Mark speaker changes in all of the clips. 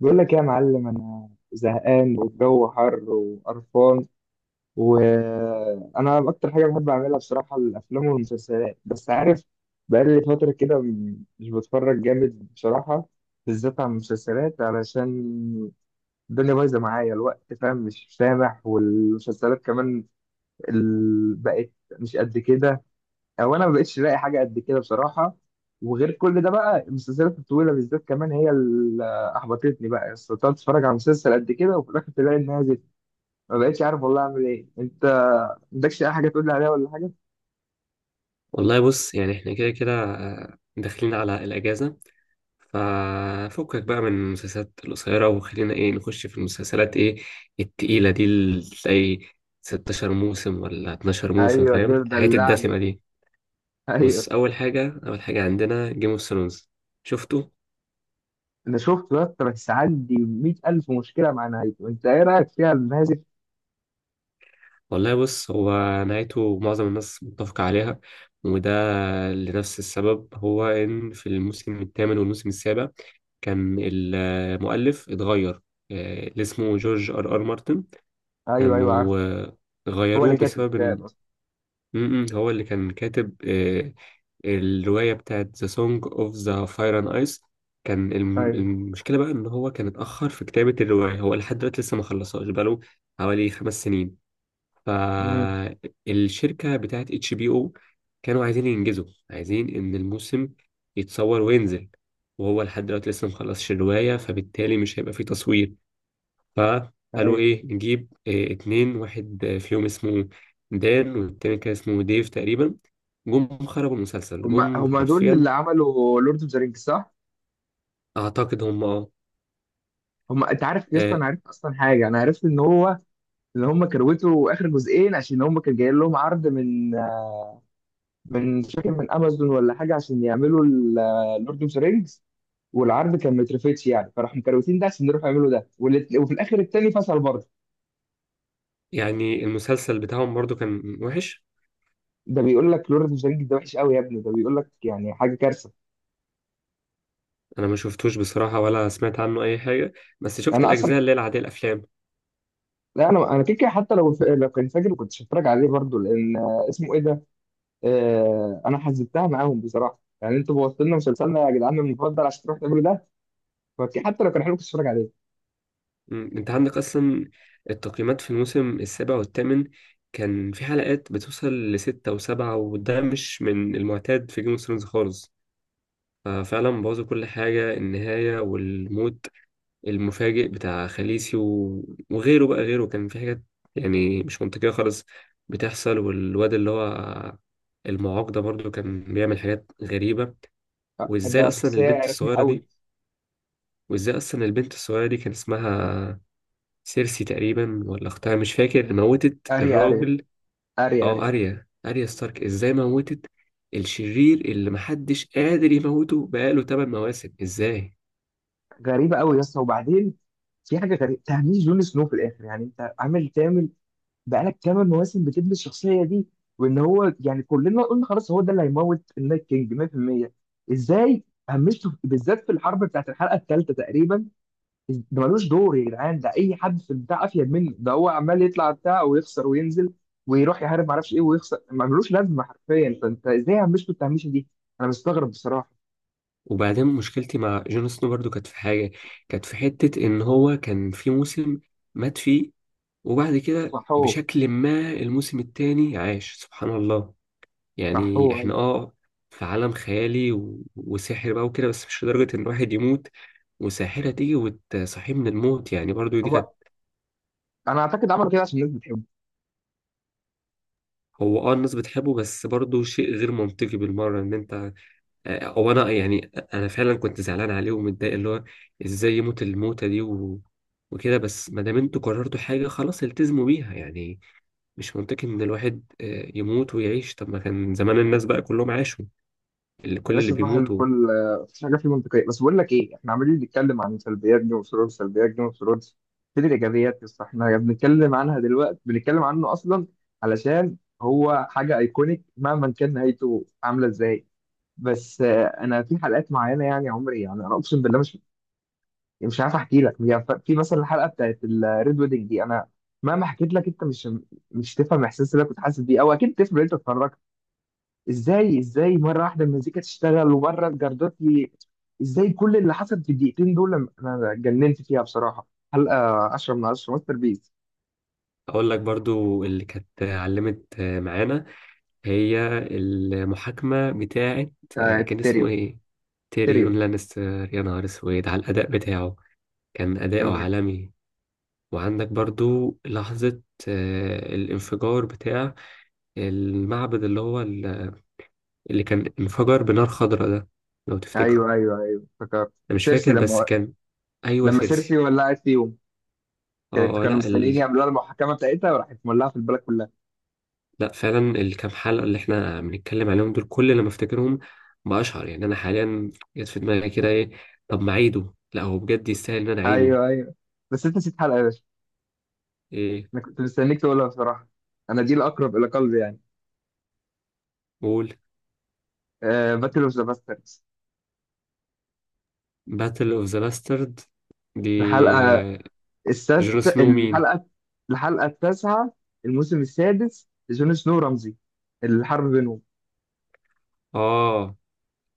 Speaker 1: بقول لك يا معلم، انا زهقان والجو حر وقرفان. وانا اكتر حاجه بحب اعملها بصراحه الافلام والمسلسلات، بس عارف بقالي فتره كده مش بتفرج جامد بصراحه، بالذات على المسلسلات، علشان الدنيا بايظه معايا الوقت، فاهم؟ مش سامح، والمسلسلات كمان بقت مش قد كده. او انا ما بقتش لاقي حاجه قد كده بصراحه. وغير كل ده بقى المسلسلات الطويله بالذات كمان هي اللي احبطتني بقى. استطعت اتفرج على مسلسل قد كده وفي الاخر تلاقي انها زفت. ما بقتش عارف والله اعمل ايه. انت ما عندكش اي حاجه تقول لي عليها ولا حاجه؟
Speaker 2: والله بص يعني احنا كده كده داخلين على الأجازة. ففكك بقى من المسلسلات القصيرة وخلينا ايه نخش في المسلسلات ايه التقيلة دي اللي تلاقي 16 موسم ولا 12 موسم،
Speaker 1: ايوه
Speaker 2: فاهم؟
Speaker 1: كده
Speaker 2: الحاجات الدسمة
Speaker 1: دلعني.
Speaker 2: دي.
Speaker 1: ايوه،
Speaker 2: بص، أول حاجة عندنا جيم اوف ثرونز. شفته؟
Speaker 1: انا شفت بقى، بس عندي 100,000 مشكله مع نهايته. انت ايه رايك فيها النازل؟
Speaker 2: والله بص، هو نهايته معظم الناس متفقة عليها، وده لنفس السبب، هو إن في الموسم الثامن والموسم السابع كان المؤلف اتغير. اللي اسمه جورج ار ار مارتن،
Speaker 1: ايوه ايوه عارف.
Speaker 2: كانوا
Speaker 1: هو اللي
Speaker 2: غيروه
Speaker 1: كاتب
Speaker 2: بسبب
Speaker 1: الكتاب
Speaker 2: إن
Speaker 1: اصلا.
Speaker 2: م- م، هو اللي كان كاتب الرواية بتاعت The Song of the Fire and Ice. كان
Speaker 1: ايوه.
Speaker 2: المشكلة بقى إن هو كان اتأخر في كتابة الرواية، هو لحد دلوقتي لسه ما خلصهاش بقاله حوالي 5 سنين.
Speaker 1: امم.
Speaker 2: فالشركة بتاعت اتش بي او كانوا عايزين ينجزوا، عايزين ان الموسم يتصور وينزل، وهو لحد دلوقتي لسه مخلصش الرواية، فبالتالي مش هيبقى فيه تصوير. فقالوا
Speaker 1: ايوه.
Speaker 2: ايه، نجيب إيه اتنين واحد فيهم اسمه دان والتاني كان اسمه ديف تقريبا. جم خربوا المسلسل،
Speaker 1: هم
Speaker 2: جم
Speaker 1: هم دول
Speaker 2: حرفيا.
Speaker 1: اللي عملوا لورد اوف ذا رينجز، صح؟
Speaker 2: اعتقد هم اه.
Speaker 1: هم. انت عارف يا اسطى،
Speaker 2: آه،
Speaker 1: انا عرفت اصلا حاجه، انا عرفت ان هو ان هم كروتوا اخر جزئين عشان هم كان جاي لهم عرض من مش فاكر، من امازون ولا حاجه، عشان يعملوا اللورد اوف ذا رينجز. والعرض كان مترفتش يعني، فراحوا مكروتين ده عشان يروحوا يعملوا ده وفي الاخر التاني فصل برضه.
Speaker 2: يعني المسلسل بتاعهم برضو كان وحش.
Speaker 1: ده بيقول لك لورد اوف ذا رينجز ده وحش قوي يا ابني، ده بيقول لك يعني حاجه كارثه.
Speaker 2: انا ما شفتوش بصراحة ولا سمعت عنه اي حاجة، بس شفت
Speaker 1: انا اصلا،
Speaker 2: الاجزاء اللي هي العادية، الافلام.
Speaker 1: لا، انا كده كده حتى لو لو كان فاكر كنت هتفرج عليه برضه، لان اسمه ايه ده. انا حزبتها معاهم بصراحه، يعني انتوا بوظتوا لنا مسلسلنا يا جدعان المفضل عشان تروحوا تعملوا ده. حتى لو كان حلو كنت اتفرج عليه.
Speaker 2: مم. انت عندك اصلا التقييمات في الموسم السابع والثامن كان في حلقات بتوصل لستة وسبعة، وده مش من المعتاد في جيم اوف ثرونز خالص. ففعلا بوظوا كل حاجة، النهاية والموت المفاجئ بتاع خليسي وغيره. بقى غيره كان في حاجات يعني مش منطقية خالص بتحصل. والواد اللي هو المعاق ده برضه كان بيعمل حاجات غريبة.
Speaker 1: آه، ده
Speaker 2: وازاي اصلا
Speaker 1: شخصيه
Speaker 2: البنت
Speaker 1: رخمه
Speaker 2: الصغيرة
Speaker 1: قوي.
Speaker 2: دي وازاي اصلا البنت الصغيرة دي كان اسمها سيرسي تقريبا، ولا اختها، مش فاكر، موتت
Speaker 1: اري اري.
Speaker 2: الراجل.
Speaker 1: اري اري.
Speaker 2: اه، اريا ستارك، ازاي موتت الشرير اللي محدش قادر يموته بقاله 8 مواسم؟ ازاي؟
Speaker 1: غريبه قوي يا اسطى. وبعدين في حاجه غريبه، تهميش جون سنو في الاخر. يعني انت عامل تعمل بقالك 8 مواسم بتبني الشخصيه دي، وان هو يعني كلنا قلنا خلاص هو ده اللي هيموت النايت كينج 100%. ازاي همشته بالذات في الحرب بتاعت الحلقه الثالثه تقريبا؟ ده ملوش دور يا جدعان، ده اي حد في البتاع افيد منه. ده هو عمال يطلع بتاع ويخسر وينزل ويروح يحارب معرفش ايه ويخسر، ملوش لازمه حرفيا. فانت ازاي عمشتوا التهميشه دي؟ انا مستغرب بصراحه.
Speaker 2: وبعدين مشكلتي مع جون سنو برضو كانت في حاجة، كانت في حتة ان هو كان في موسم مات فيه، وبعد كده
Speaker 1: صحوه.
Speaker 2: بشكل ما الموسم التاني عاش، سبحان الله. يعني
Speaker 1: صحوه. أيوة.
Speaker 2: احنا اه في عالم خيالي وسحر بقى وكده، بس مش لدرجة ان الواحد يموت وساحرة تيجي وتصحيه من الموت، يعني برضو دي كانت.
Speaker 1: هو، انا اعتقد عملوا كده عشان الناس بتحبه.
Speaker 2: هو اه الناس بتحبه، بس برضو شيء غير منطقي بالمرة ان انت، هو انا يعني انا فعلا كنت زعلان عليه ومتضايق اللي هو ازاي يموت الموتة دي وكده، بس ما دام انتوا قررتوا حاجة خلاص التزموا بيها يعني. مش منطقي ان الواحد يموت ويعيش، طب ما كان زمان الناس بقى كلهم عاشوا، اللي
Speaker 1: يعني
Speaker 2: كل
Speaker 1: بس
Speaker 2: اللي
Speaker 1: صراحه
Speaker 2: بيموتوا.
Speaker 1: الكل، مفيش حاجه فيه منطقيه، بس بقول لك ايه، احنا عمالين نتكلم عن سلبيات جيم اوف ثرونز، سلبيات جيم اوف ثرونز فين الايجابيات؟ بس احنا بنتكلم عنها دلوقتي، بنتكلم عنه اصلا علشان هو حاجه ايكونيك مهما كان نهايته عامله ازاي. بس انا في حلقات معينه، يعني عمري يعني انا اقسم بالله، مش يعني مش عارف احكي لك يعني في مثلا الحلقه بتاعت الريد ويدنج دي، انا مهما حكيت لك انت مش تفهم الاحساس اللي أنا كنت حاسس بيه. او اكيد تفهم، انت اتفرجت. ازاي ازاي مره واحده المزيكا تشتغل ومره الجردات؟ ازاي كل اللي حصل في الدقيقتين دول انا اتجننت فيها بصراحه. حلقه 10 من 10، ماستر بيس.
Speaker 2: اقول لك برضو اللي كانت علمت معانا، هي المحاكمه بتاعه.
Speaker 1: بتاعت
Speaker 2: كان اسمه
Speaker 1: تيريون.
Speaker 2: ايه؟ تيريون
Speaker 1: تيريون.
Speaker 2: لانستر. يا نهار اسود على الاداء بتاعه، كان اداؤه عالمي. وعندك برضو لحظه الانفجار بتاع المعبد اللي هو اللي كان انفجر بنار خضراء ده، لو تفتكره.
Speaker 1: ايوه ايوه ايوه، افتكرت.
Speaker 2: انا مش
Speaker 1: سيرسي،
Speaker 2: فاكر بس
Speaker 1: لما
Speaker 2: كان، ايوه
Speaker 1: لما سيرسي
Speaker 2: سيرسي.
Speaker 1: ولعت فيهم. كانت
Speaker 2: اه آه،
Speaker 1: كانوا
Speaker 2: لا
Speaker 1: مستنيين يعملوها المحاكمه بتاعتها وراحت مولعه في البلد كلها.
Speaker 2: لا فعلا الكام حلقة اللي احنا بنتكلم عليهم دول، كل لما افتكرهم بأشعر يعني انا حاليا جت في دماغي كده ايه، طب ما اعيده. لا هو بجد يستاهل ان انا اعيده.
Speaker 1: ايوه ايوه. بس انت نسيت حلقه يا باشا.
Speaker 2: ايه؟
Speaker 1: انا كنت مستنيك تقولها بصراحه. انا دي الاقرب الى قلبي يعني.
Speaker 2: قول.
Speaker 1: آه، باتل اوف ذا باستردز.
Speaker 2: باتل اوف ذا لاسترد دي.
Speaker 1: الحلقه
Speaker 2: آه،
Speaker 1: السادسه.
Speaker 2: جون سنو مين؟
Speaker 1: الحلقه. الحلقه التاسعه. الموسم السادس، جون سنو رمزي، الحرب بينهم.
Speaker 2: اه،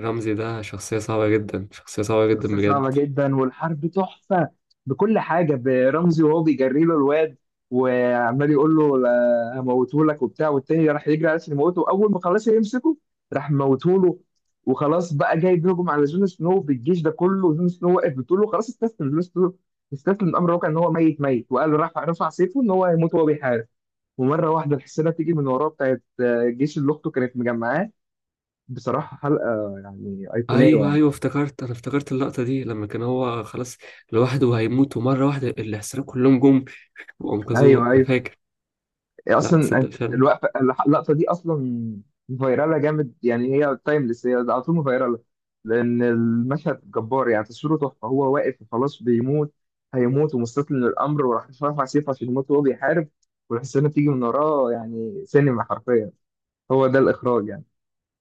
Speaker 2: رمزي. ده شخصية صعبة جدا، شخصية صعبة جدا
Speaker 1: شخصية صعبة
Speaker 2: بجد.
Speaker 1: جدا والحرب تحفة بكل حاجة. برمزي وهو بيجري له الواد وعمال يقول له لا، هموتهولك وبتاع. والتاني راح يجري على اساس يموته، وأول ما خلاص يمسكه راح موتهوله. وخلاص بقى جاي بيهجم على جون سنو بالجيش ده كله. جون سنو واقف بتقول له خلاص استسلم جون سنو، استسلم الأمر واقع إن هو ميت ميت. وقال له، رفع سيفه إن هو هيموت وهو بيحارب. ومرة واحدة الحصينة تيجي من وراه، بتاعت الجيش اللي أخته كانت مجمعاه. بصراحة حلقة يعني أيقونية
Speaker 2: ايوه
Speaker 1: يعني.
Speaker 2: ايوه، انا افتكرت اللقطة دي لما كان هو خلاص لوحده وهيموت، ومرة واحدة العسكريين كلهم جم وانقذوه،
Speaker 1: أيوه
Speaker 2: انا
Speaker 1: أيوه.
Speaker 2: فاكر.
Speaker 1: هي
Speaker 2: لا
Speaker 1: اصلا
Speaker 2: تصدق، فعلا.
Speaker 1: الوقفه، اللقطه دي اصلا فايراله جامد يعني. هي تايمليس، هي على طول فايراله، لان المشهد جبار يعني. تصويره تحفه. هو واقف وخلاص بيموت، هيموت ومستسلم للامر، وراح رافع سيفه عشان يموت وهو بيحارب، والحسنه بتيجي من وراه. يعني سينما حرفيا، هو ده الاخراج يعني،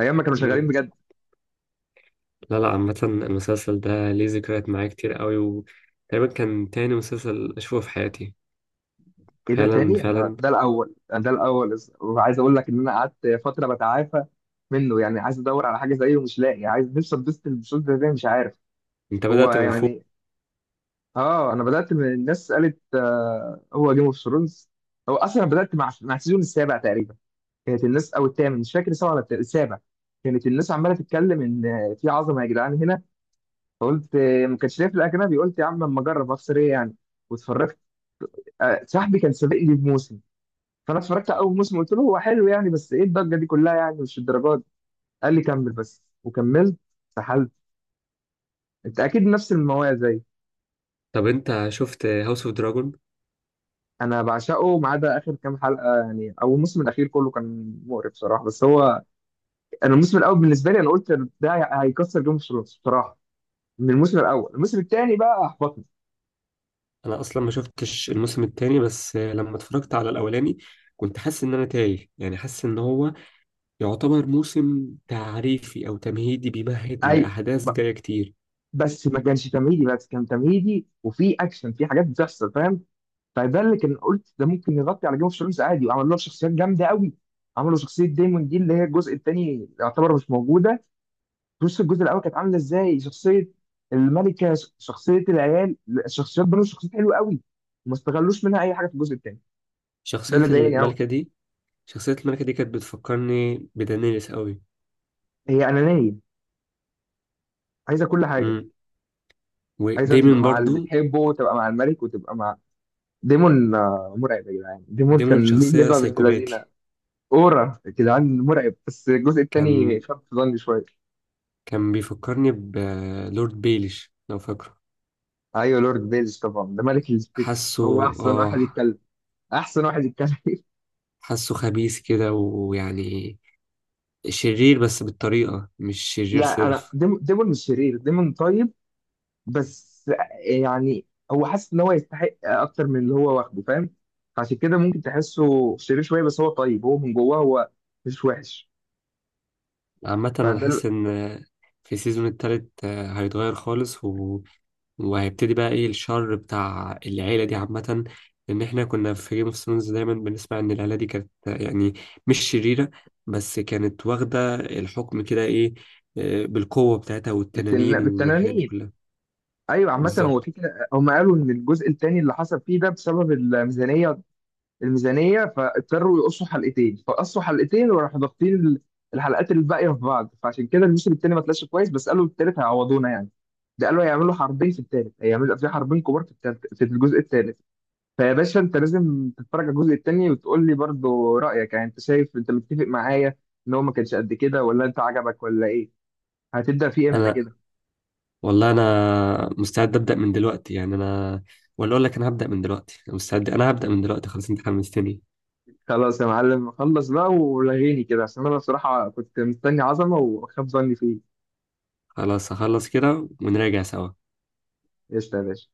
Speaker 1: ايام ما كانوا شغالين
Speaker 2: مم.
Speaker 1: بجد.
Speaker 2: لا لا، عامة المسلسل ده ليه ذكريات معايا كتير قوي، وتقريبا كان تاني مسلسل أشوفه في حياتي.
Speaker 1: ايه ده،
Speaker 2: فعلا
Speaker 1: تاني؟ انا
Speaker 2: فعلا.
Speaker 1: ده الاول. أنا ده الاول، وعايز اقول لك ان انا قعدت فتره بتعافى منه يعني، عايز ادور على حاجه زيه ومش لاقي. عايز نفسي اتبسط البساط ده إزاي مش عارف.
Speaker 2: أنت
Speaker 1: هو
Speaker 2: بدأت من فوق.
Speaker 1: يعني، اه، انا بدات من الناس قالت آه هو جيم اوف ثرونز. هو اصلا أنا بدات مع السيزون السابع تقريبا. كانت الناس، او الثامن مش فاكر، سبعه ولا السابع. كانت الناس عماله تتكلم ان في عظمه يا جدعان هنا. فقلت ما كانش ليا في الاجنبي، قلت يا عم اما اجرب اخسر ايه يعني. واتفرجت. صاحبي كان سابقني بموسم، فانا اتفرجت على اول موسم، قلت له هو حلو يعني بس ايه الضجه دي كلها يعني مش الدرجات. قال لي كمل بس. وكملت. سحلت. انت اكيد نفس المواضيع.
Speaker 2: طب أنت شفت هاوس أوف دراجون؟
Speaker 1: انا بعشقه ما عدا اخر كام حلقه يعني، او الموسم الاخير كله كان مقرف بصراحه. بس هو، انا الموسم الاول بالنسبه لي انا قلت ده هيكسر جيم اوف ثرونز بصراحه. من الموسم الاول. الموسم الثاني بقى احبطني.
Speaker 2: أنا أصلا ما شفتش الموسم التاني، بس لما اتفرجت على الأولاني كنت حاسس إن أنا تايه، يعني حاسس إن هو يعتبر موسم تعريفي أو تمهيدي، بيمهد
Speaker 1: اي،
Speaker 2: لأحداث
Speaker 1: ب-
Speaker 2: جاية كتير.
Speaker 1: بس ما كانش تمهيدي بس، كان تمهيدي وفي اكشن، في حاجات بتحصل فاهم. فده اللي كان قلت ده ممكن يغطي على جيم اوف ثرونز عادي، وعملوا له شخصيات جامده قوي. عملوا شخصيه دايمون دي اللي هي الجزء الثاني يعتبر مش موجوده. بص الجزء الاول كانت عامله ازاي شخصيه الملكه، شخصيه العيال، الشخصيات، بنوا شخصيات حلوه قوي. وما استغلوش منها اي حاجه في الجزء الثاني. ده
Speaker 2: شخصية
Speaker 1: اللي ضايقني قوي.
Speaker 2: الملكة دي شخصية الملكة دي كانت بتفكرني بدانيلس قوي.
Speaker 1: هي انانيه، عايزه كل حاجه.
Speaker 2: امم.
Speaker 1: عايزه تبقى
Speaker 2: ودايما
Speaker 1: مع اللي
Speaker 2: برضو
Speaker 1: بتحبه وتبقى مع الملك وتبقى مع ديمون. مرعب يا جدعان، ديمون
Speaker 2: دايما
Speaker 1: كان ليه
Speaker 2: شخصية
Speaker 1: هبه بنت لذينه.
Speaker 2: سايكوباتي.
Speaker 1: اورا يا جدعان مرعب. بس الجزء
Speaker 2: كان
Speaker 1: الثاني خف في ظني شويه.
Speaker 2: كان بيفكرني بلورد بيليش، لو فاكره.
Speaker 1: ايوه لورد بيلز طبعا، ده ملك السبيتشز،
Speaker 2: حاسه
Speaker 1: هو احسن واحد
Speaker 2: اه،
Speaker 1: يتكلم. احسن واحد يتكلم
Speaker 2: حاسه خبيث كده ويعني شرير، بس بالطريقة مش شرير
Speaker 1: لا انا،
Speaker 2: صرف.
Speaker 1: ديمون مش شرير، ديمون طيب بس يعني، هو حاسس ان هو يستحق اكتر من اللي هو واخده فاهم، عشان كده ممكن تحسه شرير شويه، بس هو طيب، هو من جواه هو مش وحش.
Speaker 2: عامة أنا
Speaker 1: فده
Speaker 2: حاسس إن في السيزون التالت هيتغير خالص وهيبتدي بقى إيه الشر بتاع العيلة دي عامة. لأن إحنا كنا في جيم اوف ثرونز دايما بنسمع إن العيلة دي كانت يعني مش شريرة، بس كانت واخدة الحكم كده، إيه، بالقوة بتاعتها والتنانين والحاجات دي
Speaker 1: بالتنانين.
Speaker 2: كلها.
Speaker 1: ايوه عامه هو
Speaker 2: بالظبط.
Speaker 1: في كده، هم قالوا ان الجزء الثاني اللي حصل فيه ده بسبب الميزانيه، الميزانيه، فاضطروا يقصوا حلقتين. فقصوا حلقتين وراحوا ضاغطين الحلقات الباقيه في بعض، فعشان كده الموسم الثاني ما طلعش كويس. بس قالوا الثالث هيعوضونا يعني، ده قالوا هيعملوا حربين في الثالث، هيعملوا في حربين كبار في التالت في الجزء الثالث. فيا باشا انت لازم تتفرج على الجزء التاني وتقول لي برضه رأيك، يعني انت شايف انت متفق معايا ان هو ما كانش قد كده، ولا انت عجبك ولا ايه. هتبدأ فيه امتى
Speaker 2: أنا
Speaker 1: كده؟
Speaker 2: والله أنا مستعد أبدأ من دلوقتي، يعني أنا، ولا أقول لك أنا هبدأ من دلوقتي. أنا مستعد، أنا هبدأ من دلوقتي خلاص، أنت حمستني.
Speaker 1: خلاص يا معلم، خلص بقى ولغيني كده، عشان انا بصراحة كنت مستني عظمة وخاب ظني فيه.
Speaker 2: خلاص هخلص كده ونراجع سوا.
Speaker 1: قشطة يا باشا.